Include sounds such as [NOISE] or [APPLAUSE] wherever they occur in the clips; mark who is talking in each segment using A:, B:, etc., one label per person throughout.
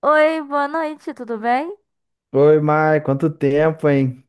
A: Oi, boa noite, tudo bem?
B: Oi, Mar, quanto tempo, hein?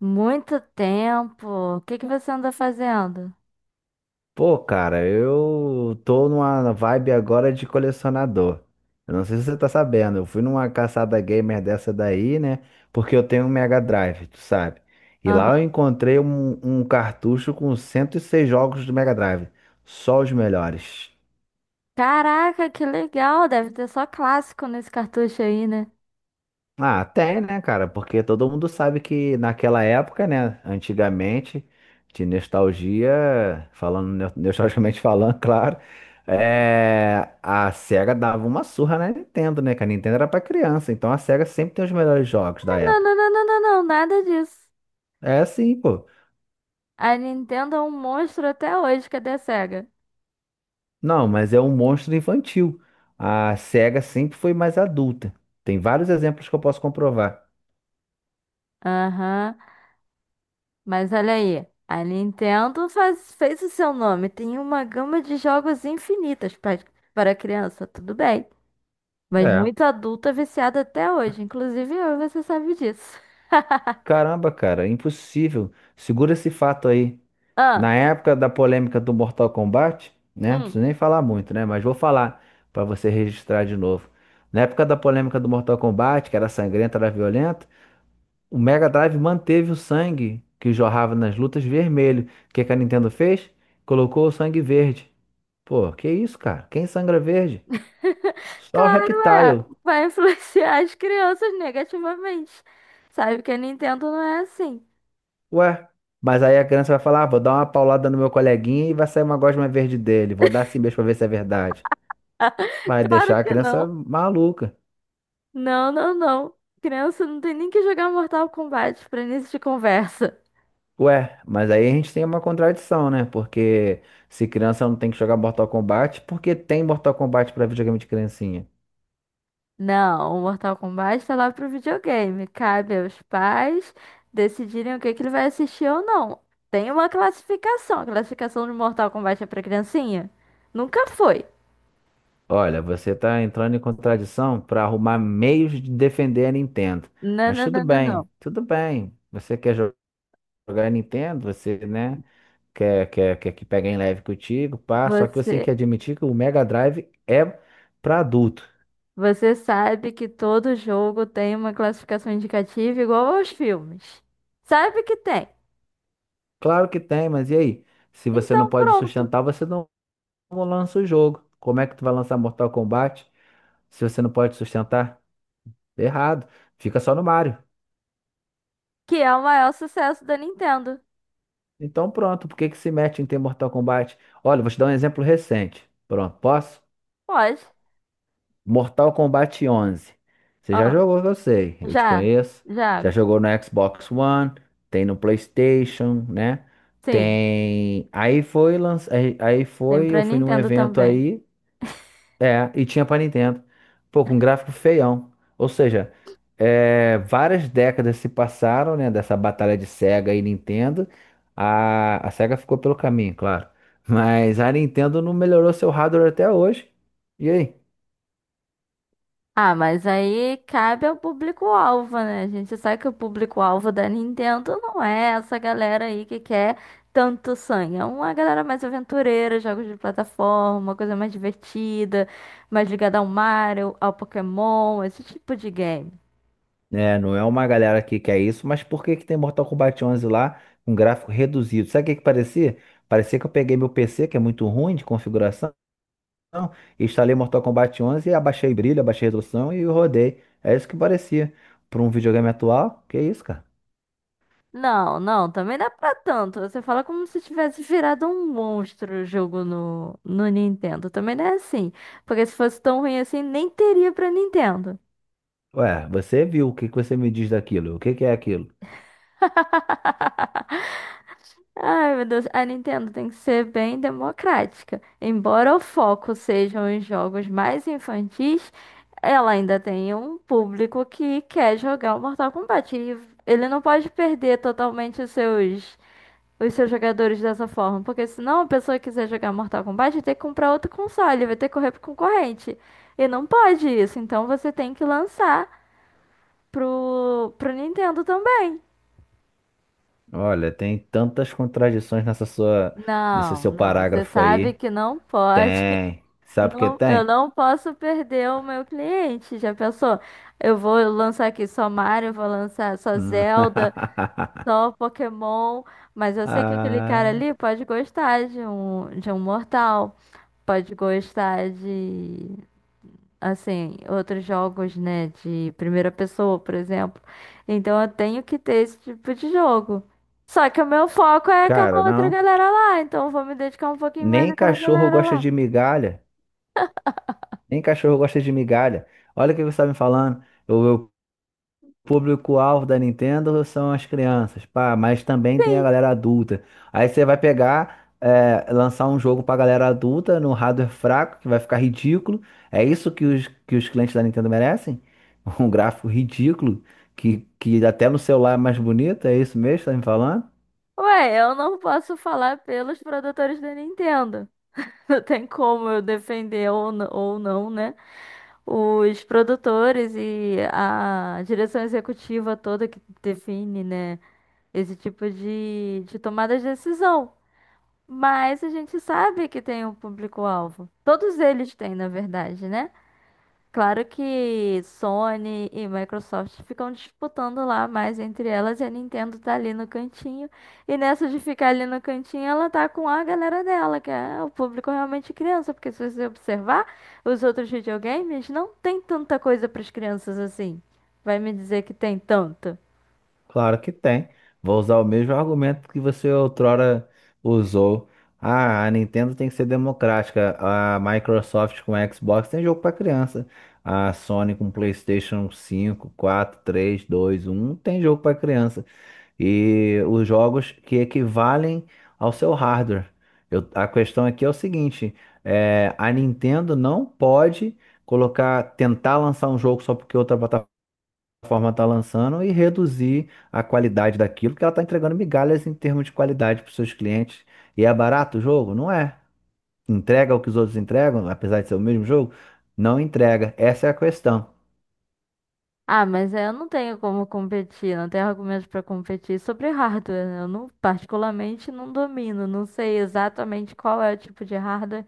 A: Muito tempo. O que que você anda fazendo?
B: Pô, cara, eu tô numa vibe agora de colecionador. Eu não sei se você tá sabendo, eu fui numa caçada gamer dessa daí, né? Porque eu tenho um Mega Drive, tu sabe? E lá
A: Aham.
B: eu encontrei um cartucho com 106 jogos do Mega Drive, só os melhores.
A: Caraca, que legal! Deve ter só clássico nesse cartucho aí, né?
B: Ah, tem, né, cara? Porque todo mundo sabe que naquela época, né, antigamente, de nostalgia, falando no- nostalgicamente [LAUGHS] falando, claro, é, a SEGA dava uma surra na Nintendo, né? Que a Nintendo era pra criança, então a SEGA sempre tem os melhores jogos da
A: Não,
B: época.
A: não, não, não, não, não, nada disso.
B: É assim, pô.
A: A Nintendo é um monstro até hoje, cadê a Sega?
B: Não, mas é um monstro infantil. A SEGA sempre foi mais adulta. Tem vários exemplos que eu posso comprovar.
A: Aham. Mas olha aí, a Nintendo fez o seu nome. Tem uma gama de jogos infinitas para criança, tudo bem. Mas
B: É.
A: muito adulta viciada até hoje, inclusive eu, você sabe disso. [LAUGHS]
B: Caramba, cara, impossível. Segura esse fato aí.
A: Ah.
B: Na época da polêmica do Mortal Kombat, né? Não
A: Hum.
B: preciso nem falar muito, né? Mas vou falar para você registrar de novo. Na época da polêmica do Mortal Kombat, que era sangrenta, era violenta, o Mega Drive manteve o sangue que jorrava nas lutas vermelho. O que que a Nintendo fez? Colocou o sangue verde. Pô, que isso, cara? Quem sangra verde?
A: [LAUGHS]
B: Só o
A: Claro, é.
B: Reptile.
A: Vai influenciar as crianças negativamente. Sabe que a Nintendo não é assim.
B: Ué, mas aí a criança vai falar, ah, vou dar uma paulada no meu coleguinha e vai sair uma gosma verde dele. Vou dar assim mesmo pra ver se é verdade.
A: [LAUGHS]
B: Vai
A: Claro
B: deixar a
A: que
B: criança
A: não.
B: maluca.
A: Não, não, não. Criança não tem nem que jogar Mortal Kombat pra início de conversa.
B: Ué, mas aí a gente tem uma contradição, né? Porque se criança não tem que jogar Mortal Kombat, por que tem Mortal Kombat pra videogame de criancinha?
A: Não, o Mortal Kombat tá lá pro videogame. Cabe aos pais decidirem o que que ele vai assistir ou não. Tem uma classificação. A classificação de Mortal Kombat é pra criancinha? Nunca foi.
B: Olha, você tá entrando em contradição pra arrumar meios de defender a Nintendo.
A: Não,
B: Mas
A: não,
B: tudo
A: não, não,
B: bem,
A: não.
B: tudo bem. Você quer jogar a Nintendo, você, né? Quer que pegue em leve contigo, pá. Só que você tem
A: Você.
B: que admitir que o Mega Drive é pra adulto.
A: Você sabe que todo jogo tem uma classificação indicativa igual aos filmes. Sabe que tem.
B: Claro que tem, mas e aí? Se você não
A: Então,
B: pode
A: pronto.
B: sustentar, você não lança o jogo. Como é que tu vai lançar Mortal Kombat se você não pode sustentar? Errado. Fica só no Mario.
A: Que é o maior sucesso da Nintendo.
B: Então pronto, por que que se mete em ter Mortal Kombat? Olha, vou te dar um exemplo recente. Pronto, posso?
A: Pode.
B: Mortal Kombat 11. Você já
A: Ó,
B: jogou, eu sei, eu te
A: já.
B: conheço. Já
A: Já.
B: jogou no Xbox One, tem no PlayStation, né?
A: Sim.
B: Tem. Aí foi, lanç... aí aí
A: Tem
B: foi, eu
A: pra
B: fui num
A: Nintendo
B: evento
A: também.
B: aí, é, e tinha pra Nintendo. Pô, com gráfico feião. Ou seja, é, várias décadas se passaram, né, dessa batalha de Sega e Nintendo. A Sega ficou pelo caminho, claro. Mas a Nintendo não melhorou seu hardware até hoje. E aí?
A: Ah, mas aí cabe ao público-alvo, né? A gente sabe que o público-alvo da Nintendo não é essa galera aí que quer tanto sangue. É uma galera mais aventureira, jogos de plataforma, uma coisa mais divertida, mais ligada ao Mario, ao Pokémon, esse tipo de game.
B: É, não é uma galera que quer isso, mas por que que tem Mortal Kombat 11 lá com gráfico reduzido? Sabe o que que parecia? Parecia que eu peguei meu PC, que é muito ruim de configuração, e instalei Mortal Kombat 11 e abaixei brilho, abaixei resolução e rodei. É isso que parecia. Para um videogame atual, que isso, cara?
A: Não, não, também dá é pra tanto. Você fala como se tivesse virado um monstro o jogo no Nintendo. Também não é assim. Porque se fosse tão ruim assim, nem teria pra Nintendo.
B: Ué, você viu, o que que você me diz daquilo? O que que é aquilo?
A: Ai, meu Deus, a Nintendo tem que ser bem democrática. Embora o foco sejam os jogos mais infantis, ela ainda tem um público que quer jogar o Mortal Kombat. E ele não pode perder totalmente os seus jogadores dessa forma, porque senão a pessoa que quiser jogar Mortal Kombat vai ter que comprar outro console, vai ter que correr pro concorrente. E não pode isso, então você tem que lançar pro Nintendo também.
B: Olha, tem tantas contradições nesse
A: Não,
B: seu
A: não, você
B: parágrafo
A: sabe
B: aí.
A: que não pode.
B: Tem. Sabe o que
A: Não, eu
B: tem?
A: não posso perder o meu cliente. Já pensou? Eu vou lançar aqui só Mario, vou lançar só
B: Hum.
A: Zelda,
B: [LAUGHS]
A: só Pokémon, mas eu sei que aquele cara
B: Ah.
A: ali pode gostar de um Mortal, pode gostar de assim, outros jogos, né, de primeira pessoa, por exemplo. Então eu tenho que ter esse tipo de jogo. Só que o meu foco é aquela
B: Cara,
A: outra
B: não.
A: galera lá, então eu vou me dedicar um pouquinho mais
B: Nem
A: àquela
B: cachorro
A: galera
B: gosta
A: lá.
B: de migalha. Nem cachorro gosta de migalha. Olha o que você está me falando. O meu público-alvo da Nintendo são as crianças, pá, mas também tem a
A: Sim.
B: galera adulta. Aí você vai pegar, é, lançar um jogo pra galera adulta no hardware fraco, que vai ficar ridículo. É isso que os clientes da Nintendo merecem? [LAUGHS] Um gráfico ridículo, que até no celular é mais bonito, é isso mesmo que você tá me falando?
A: Ué, eu não posso falar pelos produtores da Nintendo. [LAUGHS] Não tem como eu defender ou não, né? Os produtores e a direção executiva toda que define, né? Esse tipo de tomada de decisão. Mas a gente sabe que tem um público-alvo. Todos eles têm, na verdade, né? Claro que Sony e Microsoft ficam disputando lá mais entre elas e a Nintendo tá ali no cantinho. E nessa de ficar ali no cantinho, ela tá com a galera dela, que é o público realmente criança, porque se você observar os outros videogames, não tem tanta coisa para as crianças assim. Vai me dizer que tem tanto.
B: Claro que tem. Vou usar o mesmo argumento que você outrora usou. Ah, a Nintendo tem que ser democrática. A Microsoft com Xbox tem jogo para criança. A Sony com PlayStation cinco, quatro, três, dois, um tem jogo para criança. E os jogos que equivalem ao seu hardware. A questão aqui é o seguinte: é, a Nintendo não pode colocar, tentar lançar um jogo só porque outra plataforma está lançando e reduzir a qualidade daquilo, que ela está entregando migalhas em termos de qualidade para os seus clientes. E é barato o jogo? Não é. Entrega o que os outros entregam, apesar de ser o mesmo jogo? Não entrega. Essa é a questão.
A: Ah, mas é, eu não tenho como competir, não tenho argumentos para competir sobre hardware, né? Eu não, particularmente não domino, não sei exatamente qual é o tipo de hardware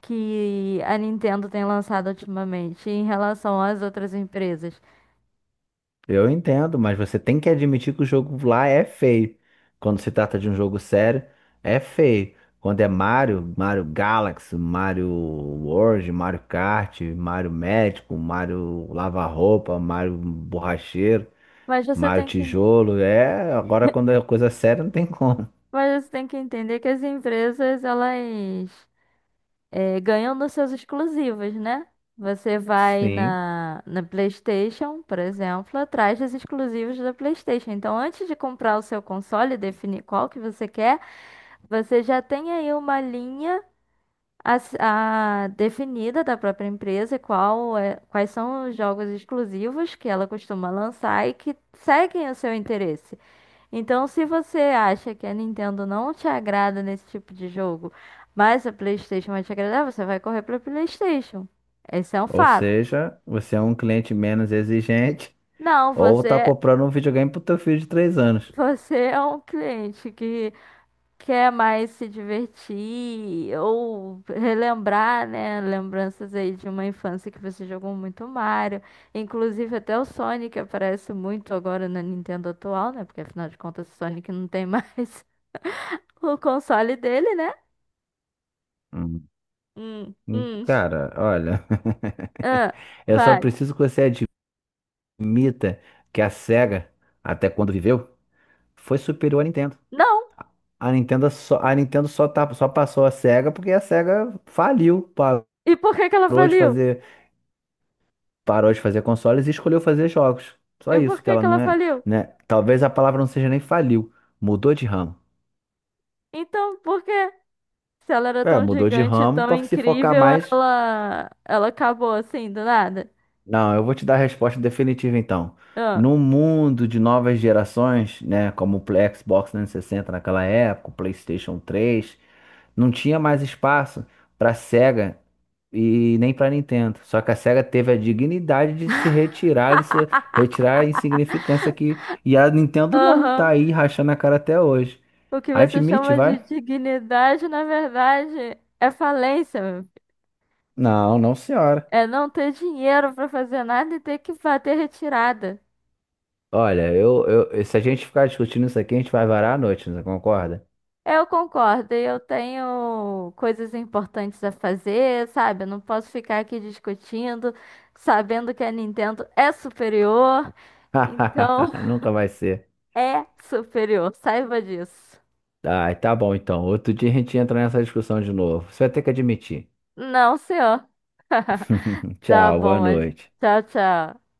A: que a Nintendo tem lançado ultimamente em relação às outras empresas.
B: Eu entendo, mas você tem que admitir que o jogo lá é feio. Quando se trata de um jogo sério, é feio. Quando é Mario, Mario Galaxy, Mario World, Mario Kart, Mario Médico, Mario Lava-Roupa, Mario Borracheiro.
A: Mas você
B: Maio
A: tem que,
B: Tijolo, é. Agora, quando é coisa séria, não tem [LAUGHS] como.
A: mas você tem que entender que as empresas elas ganham nos seus exclusivos, né? Você vai
B: Sim.
A: na PlayStation, por exemplo, atrás dos exclusivos da PlayStation. Então, antes de comprar o seu console e definir qual que você quer, você já tem aí uma linha A, s- a definida da própria empresa qual é, quais são os jogos exclusivos que ela costuma lançar e que seguem o seu interesse. Então, se você acha que a Nintendo não te agrada nesse tipo de jogo, mas a PlayStation vai te agradar, você vai correr para PlayStation. Esse é um
B: Ou
A: fato.
B: seja, você é um cliente menos exigente
A: Não,
B: ou tá
A: você,
B: comprando um videogame pro teu filho de 3
A: [LAUGHS]
B: anos.
A: você é um cliente que quer mais se divertir ou relembrar, né? Lembranças aí de uma infância que você jogou muito Mario. Inclusive até o Sonic aparece muito agora na Nintendo atual, né? Porque afinal de contas o Sonic não tem mais [LAUGHS] o console dele, né?
B: Hum.
A: Hum, hum.
B: Cara, olha.
A: Ah,
B: [LAUGHS] Eu só
A: vai.
B: preciso que você admita que a SEGA, até quando viveu, foi superior à Nintendo.
A: Não!
B: A Nintendo só, tá, só passou a SEGA porque a SEGA faliu,
A: E por que que ela
B: parou de
A: faliu?
B: fazer parou de fazer consoles e escolheu fazer jogos. Só
A: E por
B: isso, que
A: que
B: ela
A: que
B: não
A: ela
B: é,
A: faliu?
B: né? Talvez a palavra não seja nem faliu, mudou de ramo.
A: Então, por quê? Se ela era
B: É,
A: tão
B: mudou de
A: gigante,
B: ramo
A: tão
B: para se focar
A: incrível,
B: mais
A: ela acabou assim, do nada.
B: Não, eu vou te dar a resposta definitiva então.
A: Ah.
B: No mundo de novas gerações, né, como o Xbox 360 naquela época, o PlayStation 3, não tinha mais espaço para Sega e nem para Nintendo. Só que a Sega teve a dignidade de se retirar, isso, retirar a insignificância que e a Nintendo não, tá
A: Aham.
B: aí rachando a cara até hoje.
A: O que você
B: Admite,
A: chama de
B: vai?
A: dignidade, na verdade, é falência, meu filho.
B: Não, não, senhora.
A: É não ter dinheiro para fazer nada e ter que fazer retirada.
B: Olha, eu, se a gente ficar discutindo isso aqui, a gente vai varar a noite, você concorda?
A: Eu concordo, e eu tenho coisas importantes a fazer, sabe? Eu não posso ficar aqui discutindo, sabendo que a Nintendo é superior. Então,
B: [LAUGHS] Nunca vai ser.
A: [LAUGHS] é superior, saiba disso.
B: Ai, tá bom então. Outro dia a gente entra nessa discussão de novo. Você vai ter que admitir.
A: Não, senhor. [LAUGHS]
B: [LAUGHS]
A: Tá
B: Tchau, boa
A: bom, mas
B: noite.
A: tchau, tchau.